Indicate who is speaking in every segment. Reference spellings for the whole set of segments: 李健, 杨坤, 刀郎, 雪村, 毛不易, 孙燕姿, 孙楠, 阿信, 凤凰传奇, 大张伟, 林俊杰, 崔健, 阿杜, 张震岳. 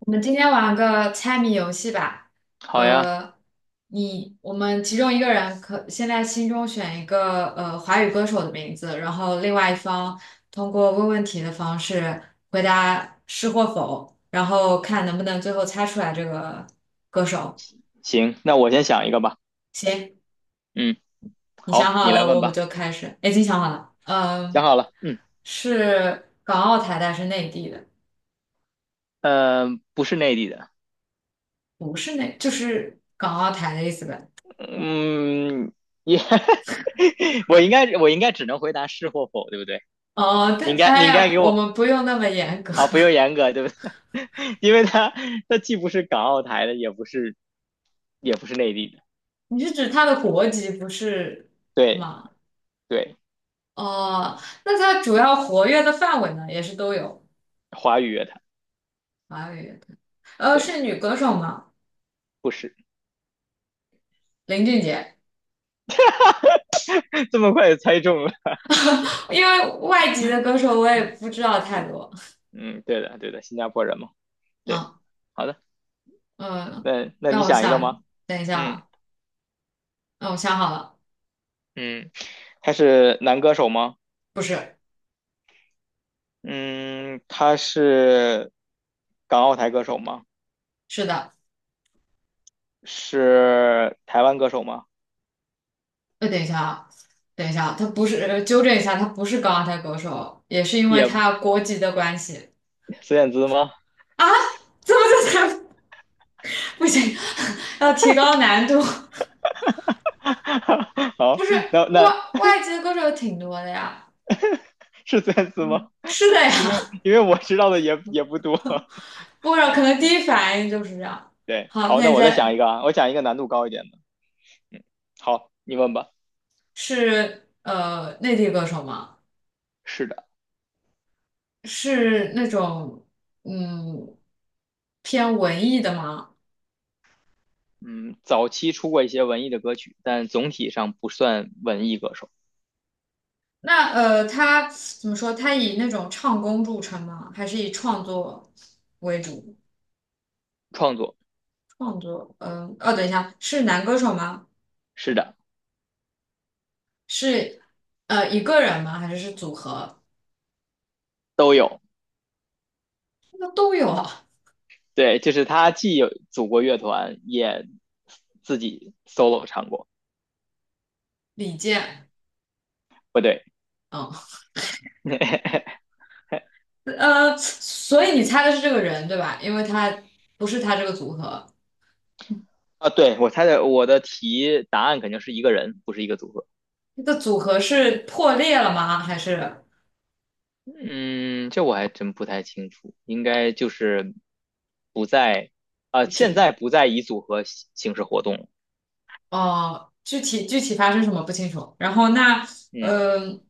Speaker 1: 我们今天玩个猜谜游戏吧。
Speaker 2: 好呀，
Speaker 1: 呃，你我们其中一个人可现在心中选一个华语歌手的名字，然后另外一方通过问问题的方式回答是或否，然后看能不能最后猜出来这个歌手。
Speaker 2: 行，那我先想一个吧。
Speaker 1: 行，
Speaker 2: 嗯，
Speaker 1: 你想
Speaker 2: 好，
Speaker 1: 好
Speaker 2: 你来
Speaker 1: 了，我
Speaker 2: 问
Speaker 1: 们
Speaker 2: 吧。
Speaker 1: 就开始。哎已经想好了，
Speaker 2: 想
Speaker 1: 嗯，
Speaker 2: 好了，嗯，
Speaker 1: 是港澳台的还是内地的？
Speaker 2: 呃，不是内地的。
Speaker 1: 不是内，就是港澳台的意思呗。
Speaker 2: 嗯，也，我应该只能回答是或否，对不对？
Speaker 1: 哦，
Speaker 2: 你
Speaker 1: 对，
Speaker 2: 应该你
Speaker 1: 哎
Speaker 2: 应该
Speaker 1: 呀，
Speaker 2: 给
Speaker 1: 我
Speaker 2: 我
Speaker 1: 们不用那么严格。
Speaker 2: 啊，不用严 格，对不对？因为他既不是港澳台的，也不是内地的。
Speaker 1: 你是指他的国籍不是
Speaker 2: 对
Speaker 1: 吗？
Speaker 2: 对，
Speaker 1: 哦，那他主要活跃的范围呢，也是都有
Speaker 2: 华语乐坛。
Speaker 1: 华语乐队
Speaker 2: 对，
Speaker 1: 是女歌手吗？
Speaker 2: 不是。
Speaker 1: 林俊杰，
Speaker 2: 这么快就猜中了。
Speaker 1: 因为外籍的歌手我也不知道太多。
Speaker 2: 嗯，对的对的，新加坡人嘛。对，
Speaker 1: 啊，
Speaker 2: 好的，
Speaker 1: 嗯，
Speaker 2: 那你
Speaker 1: 让我
Speaker 2: 想一个吗？
Speaker 1: 想，等一下
Speaker 2: 嗯。
Speaker 1: 啊，让我想好了，
Speaker 2: 嗯，他是男歌手吗？
Speaker 1: 不是，
Speaker 2: 嗯，他是港澳台歌手吗？
Speaker 1: 是的，
Speaker 2: 是台湾歌手吗？
Speaker 1: 等一下啊，他不是，纠正一下，他不是港澳台歌手，也是因为
Speaker 2: 也
Speaker 1: 他国籍的关系。
Speaker 2: 孙燕姿吗？
Speaker 1: 啊，怎么就才不行？要提高难度。
Speaker 2: 好，
Speaker 1: 不是
Speaker 2: 那
Speaker 1: 外
Speaker 2: 那
Speaker 1: 外籍的歌手挺多的呀。
Speaker 2: 是孙燕姿吗？
Speaker 1: 是的
Speaker 2: 因为
Speaker 1: 呀，
Speaker 2: 因为我知道的也不多。
Speaker 1: 不知道可能第一反应就是这样。
Speaker 2: 对，
Speaker 1: 好，
Speaker 2: 好，
Speaker 1: 那
Speaker 2: 那
Speaker 1: 你
Speaker 2: 我再想
Speaker 1: 在
Speaker 2: 一个啊，我讲一个难度高一点的。好，你问吧。
Speaker 1: 是内地歌手吗？
Speaker 2: 是的。
Speaker 1: 是那种嗯偏文艺的吗？
Speaker 2: 嗯，早期出过一些文艺的歌曲，但总体上不算文艺歌手。
Speaker 1: 那他怎么说？他以那种唱功著称吗？还是以创作为主？
Speaker 2: 创作。
Speaker 1: 创作，嗯，哦，等一下，是男歌手吗？
Speaker 2: 是的。
Speaker 1: 是一个人吗？还是是组合？
Speaker 2: 都有。
Speaker 1: 那都有啊。
Speaker 2: 对，就是他既有组过乐团，也自己 solo 唱过。
Speaker 1: 李健，
Speaker 2: 不对。
Speaker 1: 嗯，所以你猜的是这个人对吧？因为他不是他这个组合，
Speaker 2: 啊，对，我猜的，我的题答案肯定是一个人，不是一个组合。
Speaker 1: 这个组合是破裂了吗？还是
Speaker 2: 嗯，这我还真不太清楚，应该就是不在，
Speaker 1: 不
Speaker 2: 现
Speaker 1: 知？
Speaker 2: 在不再以组合形式活动了。
Speaker 1: 哦，具体发生什么不清楚。然后那，
Speaker 2: 嗯，
Speaker 1: 嗯、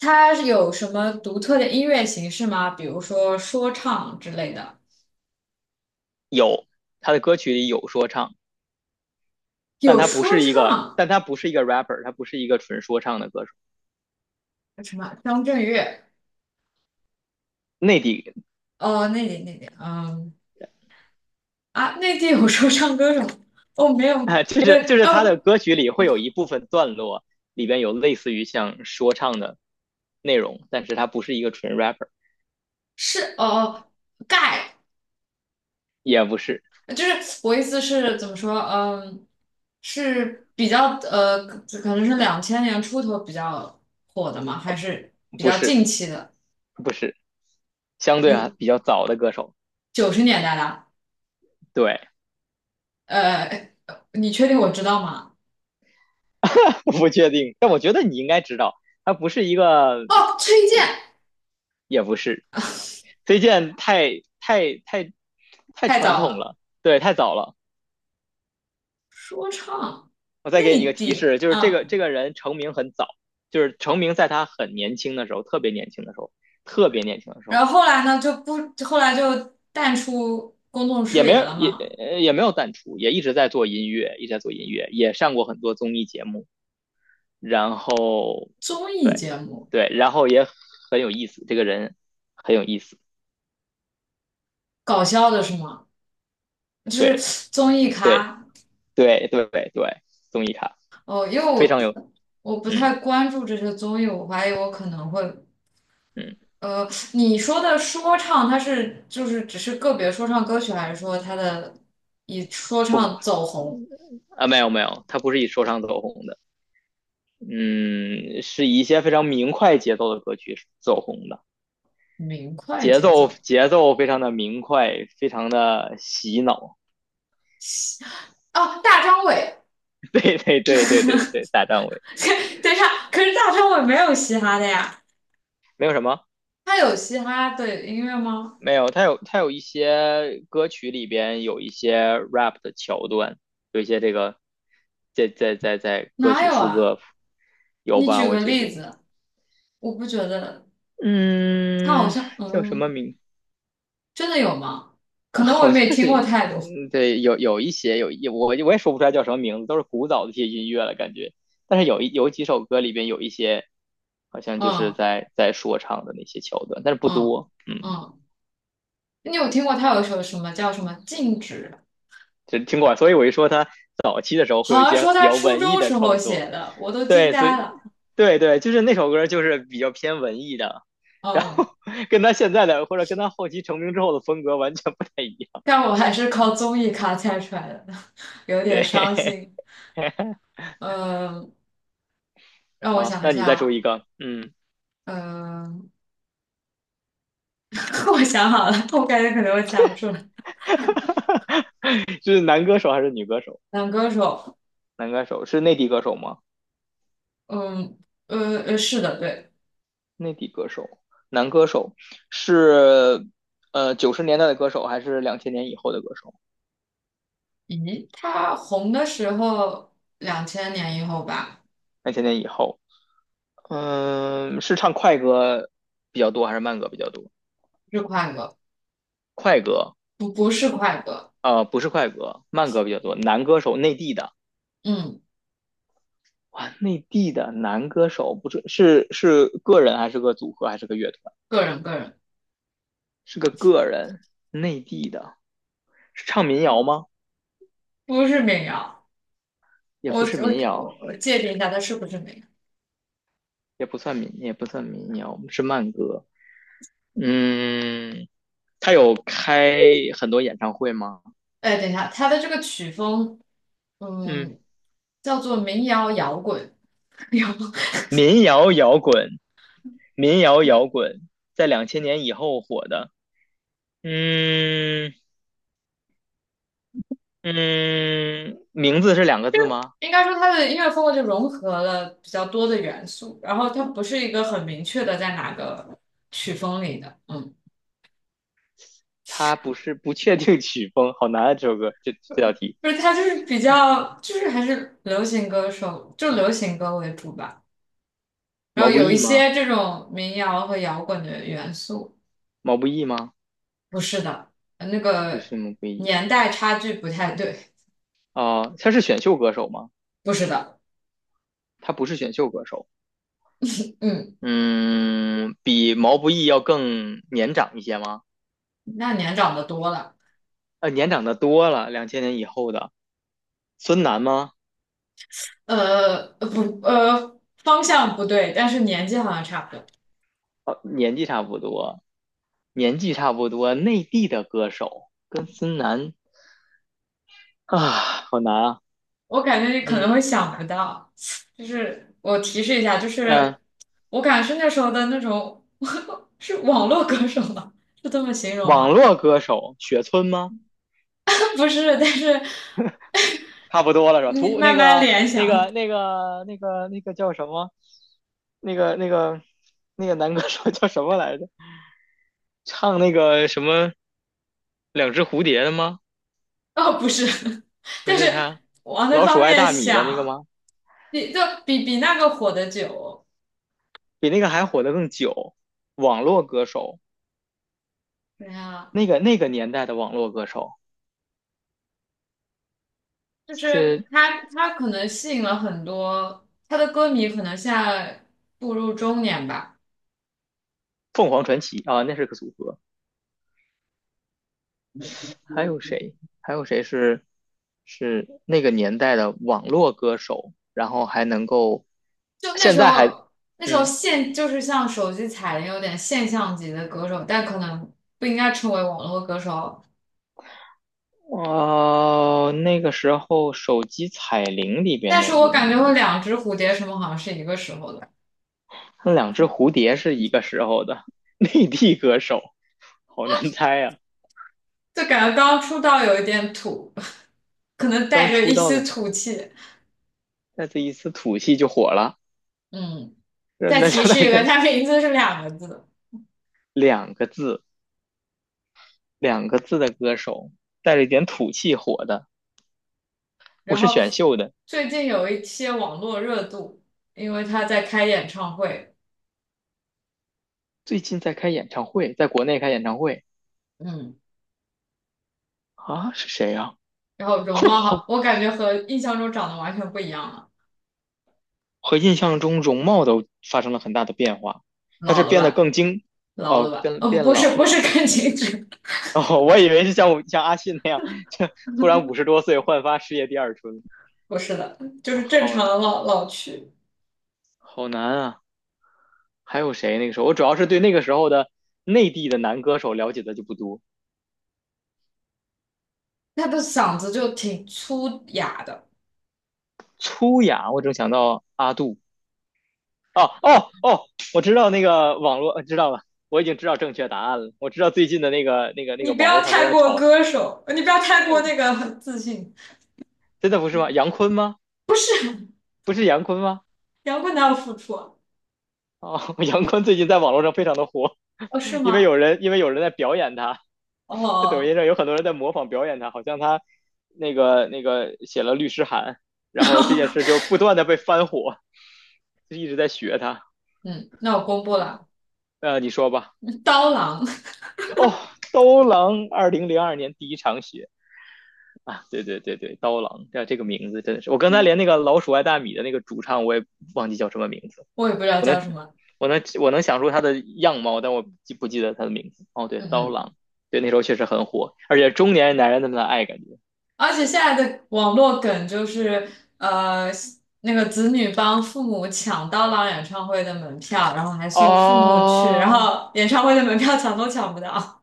Speaker 1: 他是有什么独特的音乐形式吗？比如说说唱之类的？
Speaker 2: 有。他的歌曲里有说唱，
Speaker 1: 有说唱，
Speaker 2: 但他不是一个 rapper，他不是一个纯说唱的歌手。
Speaker 1: 什么张震岳？
Speaker 2: 内地。
Speaker 1: 哦，那里那里，嗯。啊，内地有说唱歌手？哦，没 有，
Speaker 2: 啊，就
Speaker 1: 没有，
Speaker 2: 是就是他的
Speaker 1: 哦，
Speaker 2: 歌曲里会有一部分段落里边有类似于像说唱的内容，但是他不是一个纯 rapper。
Speaker 1: 是哦，哦，盖，
Speaker 2: 也不是，
Speaker 1: 就是我意思是怎么说？嗯，是比较可能是两千年出头比较火的嘛，还是比
Speaker 2: 不
Speaker 1: 较近
Speaker 2: 是，
Speaker 1: 期的？
Speaker 2: 不是，相对啊
Speaker 1: 不，
Speaker 2: 比较早的歌手。
Speaker 1: 九十年代的。
Speaker 2: 对。
Speaker 1: 呃，你确定我知道吗？
Speaker 2: 我不确定，但我觉得你应该知道。他不是一个，
Speaker 1: 哦，崔健，
Speaker 2: 也也不是。崔健太太太太
Speaker 1: 太
Speaker 2: 传
Speaker 1: 早
Speaker 2: 统
Speaker 1: 了，
Speaker 2: 了。对，太早了。
Speaker 1: 说唱，
Speaker 2: 我再给你一
Speaker 1: 内
Speaker 2: 个提
Speaker 1: 地，
Speaker 2: 示，就是这
Speaker 1: 啊，
Speaker 2: 个这个人成名很早，就是成名在他很年轻的时候，特别年轻的时候，特别年轻的时候。
Speaker 1: 然后后来呢，就不，后来就淡出公众
Speaker 2: 也
Speaker 1: 视
Speaker 2: 没
Speaker 1: 野
Speaker 2: 有
Speaker 1: 了
Speaker 2: 也
Speaker 1: 嘛。
Speaker 2: 也没有淡出，也一直在做音乐，一直在做音乐。也上过很多综艺节目，然后，
Speaker 1: 综艺
Speaker 2: 对
Speaker 1: 节目，
Speaker 2: 对，然后也很有意思，这个人很有意思。
Speaker 1: 搞笑的是吗？就是
Speaker 2: 对
Speaker 1: 综艺
Speaker 2: 对
Speaker 1: 咖
Speaker 2: 对对对对，综艺咖。
Speaker 1: 哦，因为
Speaker 2: 非
Speaker 1: 我
Speaker 2: 常有。
Speaker 1: 不
Speaker 2: 嗯
Speaker 1: 太关注这些综艺，我怀疑我可能会
Speaker 2: 嗯。
Speaker 1: 呃，你说的说唱，它是就是只是个别说唱歌曲，还是说它的以说唱走红，
Speaker 2: 啊，没有没有，他不是以说唱走红的。嗯，是以一些非常明快节奏的歌曲走红的。
Speaker 1: 明快
Speaker 2: 节
Speaker 1: 节
Speaker 2: 奏
Speaker 1: 奏？
Speaker 2: 节奏非常的明快，非常的洗脑。
Speaker 1: 哦，大张伟，
Speaker 2: 对对 对对对对，大张伟。
Speaker 1: 等一下，可是大张伟没有嘻哈的呀，
Speaker 2: 没有什么，
Speaker 1: 他有嘻哈的音乐吗？
Speaker 2: 没有他有一些歌曲里边有一些 rap 的桥段，有一些这个在歌
Speaker 1: 哪
Speaker 2: 曲
Speaker 1: 有
Speaker 2: 副
Speaker 1: 啊？
Speaker 2: 歌。有
Speaker 1: 你
Speaker 2: 吧？
Speaker 1: 举
Speaker 2: 我
Speaker 1: 个
Speaker 2: 觉得。
Speaker 1: 例子，我不觉得他好
Speaker 2: 嗯，
Speaker 1: 像
Speaker 2: 叫什
Speaker 1: 嗯。
Speaker 2: 么名？
Speaker 1: 真的有吗？可能我也
Speaker 2: 好像
Speaker 1: 没听
Speaker 2: 是。
Speaker 1: 过太多。
Speaker 2: 嗯对，有一些我也说不出来叫什么名字，都是古早的一些音乐了感觉。但是有几首歌里边有一些，好像就是
Speaker 1: 嗯
Speaker 2: 在说唱的那些桥段，但是不
Speaker 1: 嗯
Speaker 2: 多。嗯，
Speaker 1: 嗯，你有听过他有一首什么叫什么《静止》？
Speaker 2: 就听过。所以我一说他早期的时候会有
Speaker 1: 好
Speaker 2: 一
Speaker 1: 像说
Speaker 2: 些比
Speaker 1: 他
Speaker 2: 较
Speaker 1: 初
Speaker 2: 文艺
Speaker 1: 中
Speaker 2: 的
Speaker 1: 时候
Speaker 2: 创作。
Speaker 1: 写的，我都惊
Speaker 2: 对，所
Speaker 1: 呆
Speaker 2: 以。
Speaker 1: 了。
Speaker 2: 对对。就是那首歌就是比较偏文艺的，然
Speaker 1: 嗯，
Speaker 2: 后 跟他现在的或者跟他后期成名之后的风格完全不太一样。
Speaker 1: 但我还是靠综艺咖猜出来的，有点伤
Speaker 2: 对。
Speaker 1: 心。嗯，让我
Speaker 2: 好，
Speaker 1: 想一
Speaker 2: 那你再说
Speaker 1: 下。
Speaker 2: 一个。嗯。
Speaker 1: 嗯，我想好了，我感觉可能我猜不出来。
Speaker 2: 哈哈，是男歌手还是女歌手？
Speaker 1: 男歌手，
Speaker 2: 男歌手是内地歌手吗？
Speaker 1: 嗯，是的，对。
Speaker 2: 内地歌手，男歌手是90年代的歌手还是两千年以后的歌手？
Speaker 1: 咦，他红的时候，两千年以后吧，
Speaker 2: 两千年以后。嗯，是唱快歌比较多还是慢歌比较多？
Speaker 1: 是快歌。
Speaker 2: 快歌。
Speaker 1: 不快歌，
Speaker 2: 不是快歌，慢歌比较多。男歌手，内地的。
Speaker 1: 嗯，
Speaker 2: 哇，内地的男歌手。不是是是个人还是个组合还是个乐团？
Speaker 1: 个人
Speaker 2: 是个人，内地的。是唱民谣吗？
Speaker 1: 不是民谣，
Speaker 2: 也不是民谣。
Speaker 1: 我界定一下它是不是民谣。
Speaker 2: 也不算民谣，是慢歌。嗯，他有开很多演唱会吗？
Speaker 1: 哎，等一下，它的这个曲风，
Speaker 2: 嗯，
Speaker 1: 嗯，叫做民谣摇滚，摇滚
Speaker 2: 民谣摇滚，民谣摇滚在两千年以后火的。嗯嗯，名字是两个字吗？
Speaker 1: 应该说它的音乐风格就融合了比较多的元素，然后它不是一个很明确的在哪个曲风里的，嗯，
Speaker 2: 他不是不确定曲风，好难啊！这首歌这这道题。
Speaker 1: 不是它就是比较就是还是流行歌手，就流行歌为主吧，然
Speaker 2: 毛
Speaker 1: 后
Speaker 2: 不
Speaker 1: 有一
Speaker 2: 易吗？
Speaker 1: 些这种民谣和摇滚的元素。
Speaker 2: 毛不易吗？
Speaker 1: 不是的，那
Speaker 2: 不
Speaker 1: 个
Speaker 2: 是毛不易
Speaker 1: 年代差距不太对，
Speaker 2: 啊，他是选秀歌手吗？
Speaker 1: 不是的，
Speaker 2: 他不是选秀歌手。
Speaker 1: 嗯，
Speaker 2: 嗯，比毛不易要更年长一些吗？
Speaker 1: 那年长的多了，
Speaker 2: 年长的多了，两千年以后的孙楠吗？
Speaker 1: 不，方向不对，但是年纪好像差不多。
Speaker 2: 年纪差不多，年纪差不多，内地的歌手跟孙楠啊，好难啊。
Speaker 1: 我感觉你可能会
Speaker 2: 嗯
Speaker 1: 想不到，就是我提示一下，就
Speaker 2: 嗯，
Speaker 1: 是我感觉是那时候的那种 是网络歌手吗？是这么形容
Speaker 2: 网
Speaker 1: 吗？
Speaker 2: 络歌手雪村吗？
Speaker 1: 不是，但是
Speaker 2: 差不多了是吧？
Speaker 1: 你慢
Speaker 2: 那
Speaker 1: 慢
Speaker 2: 个
Speaker 1: 联
Speaker 2: 那
Speaker 1: 想，
Speaker 2: 个那个那个那个叫什么？那个那个那个男歌手叫什么来着？唱那个什么两只蝴蝶的吗？
Speaker 1: 哦，不是，
Speaker 2: 不
Speaker 1: 但
Speaker 2: 是
Speaker 1: 是
Speaker 2: 他。
Speaker 1: 往那
Speaker 2: 老鼠
Speaker 1: 方
Speaker 2: 爱
Speaker 1: 面
Speaker 2: 大米的那个
Speaker 1: 想。
Speaker 2: 吗？
Speaker 1: 比那个火的久
Speaker 2: 比那个还火的更久，网络歌手。
Speaker 1: 对呀，
Speaker 2: 那个年代的网络歌手。
Speaker 1: 就是
Speaker 2: 是
Speaker 1: 他可能吸引了很多他的歌迷，可能现在步入中年吧。
Speaker 2: 凤凰传奇啊，那是个组合。还有谁？还有谁是那个年代的网络歌手？然后还能够
Speaker 1: 就那
Speaker 2: 现
Speaker 1: 时
Speaker 2: 在还。
Speaker 1: 候那时候
Speaker 2: 嗯
Speaker 1: 现就是像手机彩铃有点现象级的歌手，但可能不应该称为网络歌手。
Speaker 2: 哦，那个时候手机彩铃里边
Speaker 1: 但是
Speaker 2: 的
Speaker 1: 我
Speaker 2: 音
Speaker 1: 感觉我
Speaker 2: 域，
Speaker 1: 两只蝴蝶什么好像是一个时候的，
Speaker 2: 那两只蝴蝶是一个时候的 内地歌手。好难猜啊。
Speaker 1: 就感觉刚出道有一点土，可能带
Speaker 2: 刚
Speaker 1: 着
Speaker 2: 出
Speaker 1: 一
Speaker 2: 道
Speaker 1: 丝
Speaker 2: 的时候，
Speaker 1: 土气。
Speaker 2: 那这一丝土气就火了。
Speaker 1: 嗯，
Speaker 2: 那
Speaker 1: 再
Speaker 2: 那就
Speaker 1: 提
Speaker 2: 那
Speaker 1: 示一个，
Speaker 2: 个
Speaker 1: 他名字是两个字。
Speaker 2: 两个字，两个字的歌手带着一点土气火的，不
Speaker 1: 然
Speaker 2: 是
Speaker 1: 后
Speaker 2: 选秀的。
Speaker 1: 最近有一些网络热度，因为他在开演唱会，
Speaker 2: 最近在开演唱会，在国内开演唱会
Speaker 1: 嗯，
Speaker 2: 啊，是谁呀，
Speaker 1: 然后
Speaker 2: 啊？
Speaker 1: 容貌好，我感觉和印象中长得完全不一样了，
Speaker 2: 和印象中容貌都发生了很大的变化。他
Speaker 1: 老
Speaker 2: 是
Speaker 1: 了
Speaker 2: 变得
Speaker 1: 吧，
Speaker 2: 更精，
Speaker 1: 老
Speaker 2: 哦，
Speaker 1: 了吧，
Speaker 2: 变
Speaker 1: 哦，不，
Speaker 2: 变
Speaker 1: 不是，
Speaker 2: 老
Speaker 1: 不是
Speaker 2: 了。
Speaker 1: 感情质，
Speaker 2: 哦，我以为是像阿信那样，就突然50多岁焕发事业第二春
Speaker 1: 不是的，就
Speaker 2: 啊。
Speaker 1: 是正
Speaker 2: 好
Speaker 1: 常的老去。
Speaker 2: 好难啊。还有谁？那个时候我主要是对那个时候的内地的男歌手了解的就不多。
Speaker 1: 他的嗓子就挺粗哑的，
Speaker 2: 粗雅，我正想到阿杜。哦哦哦，我知道那个网络，知道了，我已经知道正确答案了。我知道最近的那个那个那
Speaker 1: 你
Speaker 2: 个
Speaker 1: 不
Speaker 2: 网
Speaker 1: 要
Speaker 2: 络上都
Speaker 1: 太
Speaker 2: 在
Speaker 1: 过
Speaker 2: 吵。
Speaker 1: 歌手，你不要太过那个自信。
Speaker 2: 真的不是吗？杨坤吗？不是杨坤吗？
Speaker 1: 摇滚哪有付出啊
Speaker 2: 哦，杨坤最近在网络上非常的火，
Speaker 1: 哦，是
Speaker 2: 因为有
Speaker 1: 吗？
Speaker 2: 人因为有人在表演他。在抖音
Speaker 1: 哦，
Speaker 2: 上有很多人在模仿表演他，好像他那个写了律师函，然后这件事 就不断的被翻火，就一直在学他。
Speaker 1: 嗯，那我公布了，
Speaker 2: 你说吧。
Speaker 1: 刀郎，
Speaker 2: 哦，刀郎2002年第一场雪啊，对对对对，刀郎这个名字真的是，我刚才连那个老鼠爱大米的那个主唱我也忘记叫什么名字，
Speaker 1: 我也不知道
Speaker 2: 我
Speaker 1: 叫
Speaker 2: 能
Speaker 1: 什么。
Speaker 2: 我能想出他的样貌，但我记不记得他的名字？哦，对，
Speaker 1: 嗯
Speaker 2: 刀
Speaker 1: 嗯，
Speaker 2: 郎。对，那时候确实很火，而且中年男人那么的爱感觉。
Speaker 1: 而且现在的网络梗就是，呃，那个子女帮父母抢到了演唱会的门票，然后还送父母去，然
Speaker 2: 哦。
Speaker 1: 后演唱会的门票抢都抢不到，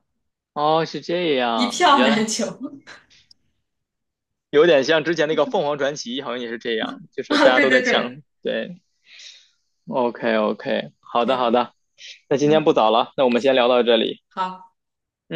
Speaker 2: 哦，是这
Speaker 1: 一
Speaker 2: 样，
Speaker 1: 票
Speaker 2: 原
Speaker 1: 难
Speaker 2: 来
Speaker 1: 求。
Speaker 2: 有点像之前那个凤凰传奇，好像也是这样，就是
Speaker 1: 啊，
Speaker 2: 大家
Speaker 1: 对
Speaker 2: 都在
Speaker 1: 对
Speaker 2: 抢。
Speaker 1: 对，
Speaker 2: 对，OK OK，好的好
Speaker 1: 行，
Speaker 2: 的，那今天
Speaker 1: 嗯，
Speaker 2: 不早了，那我们先聊到这里。
Speaker 1: 好。
Speaker 2: 嗯。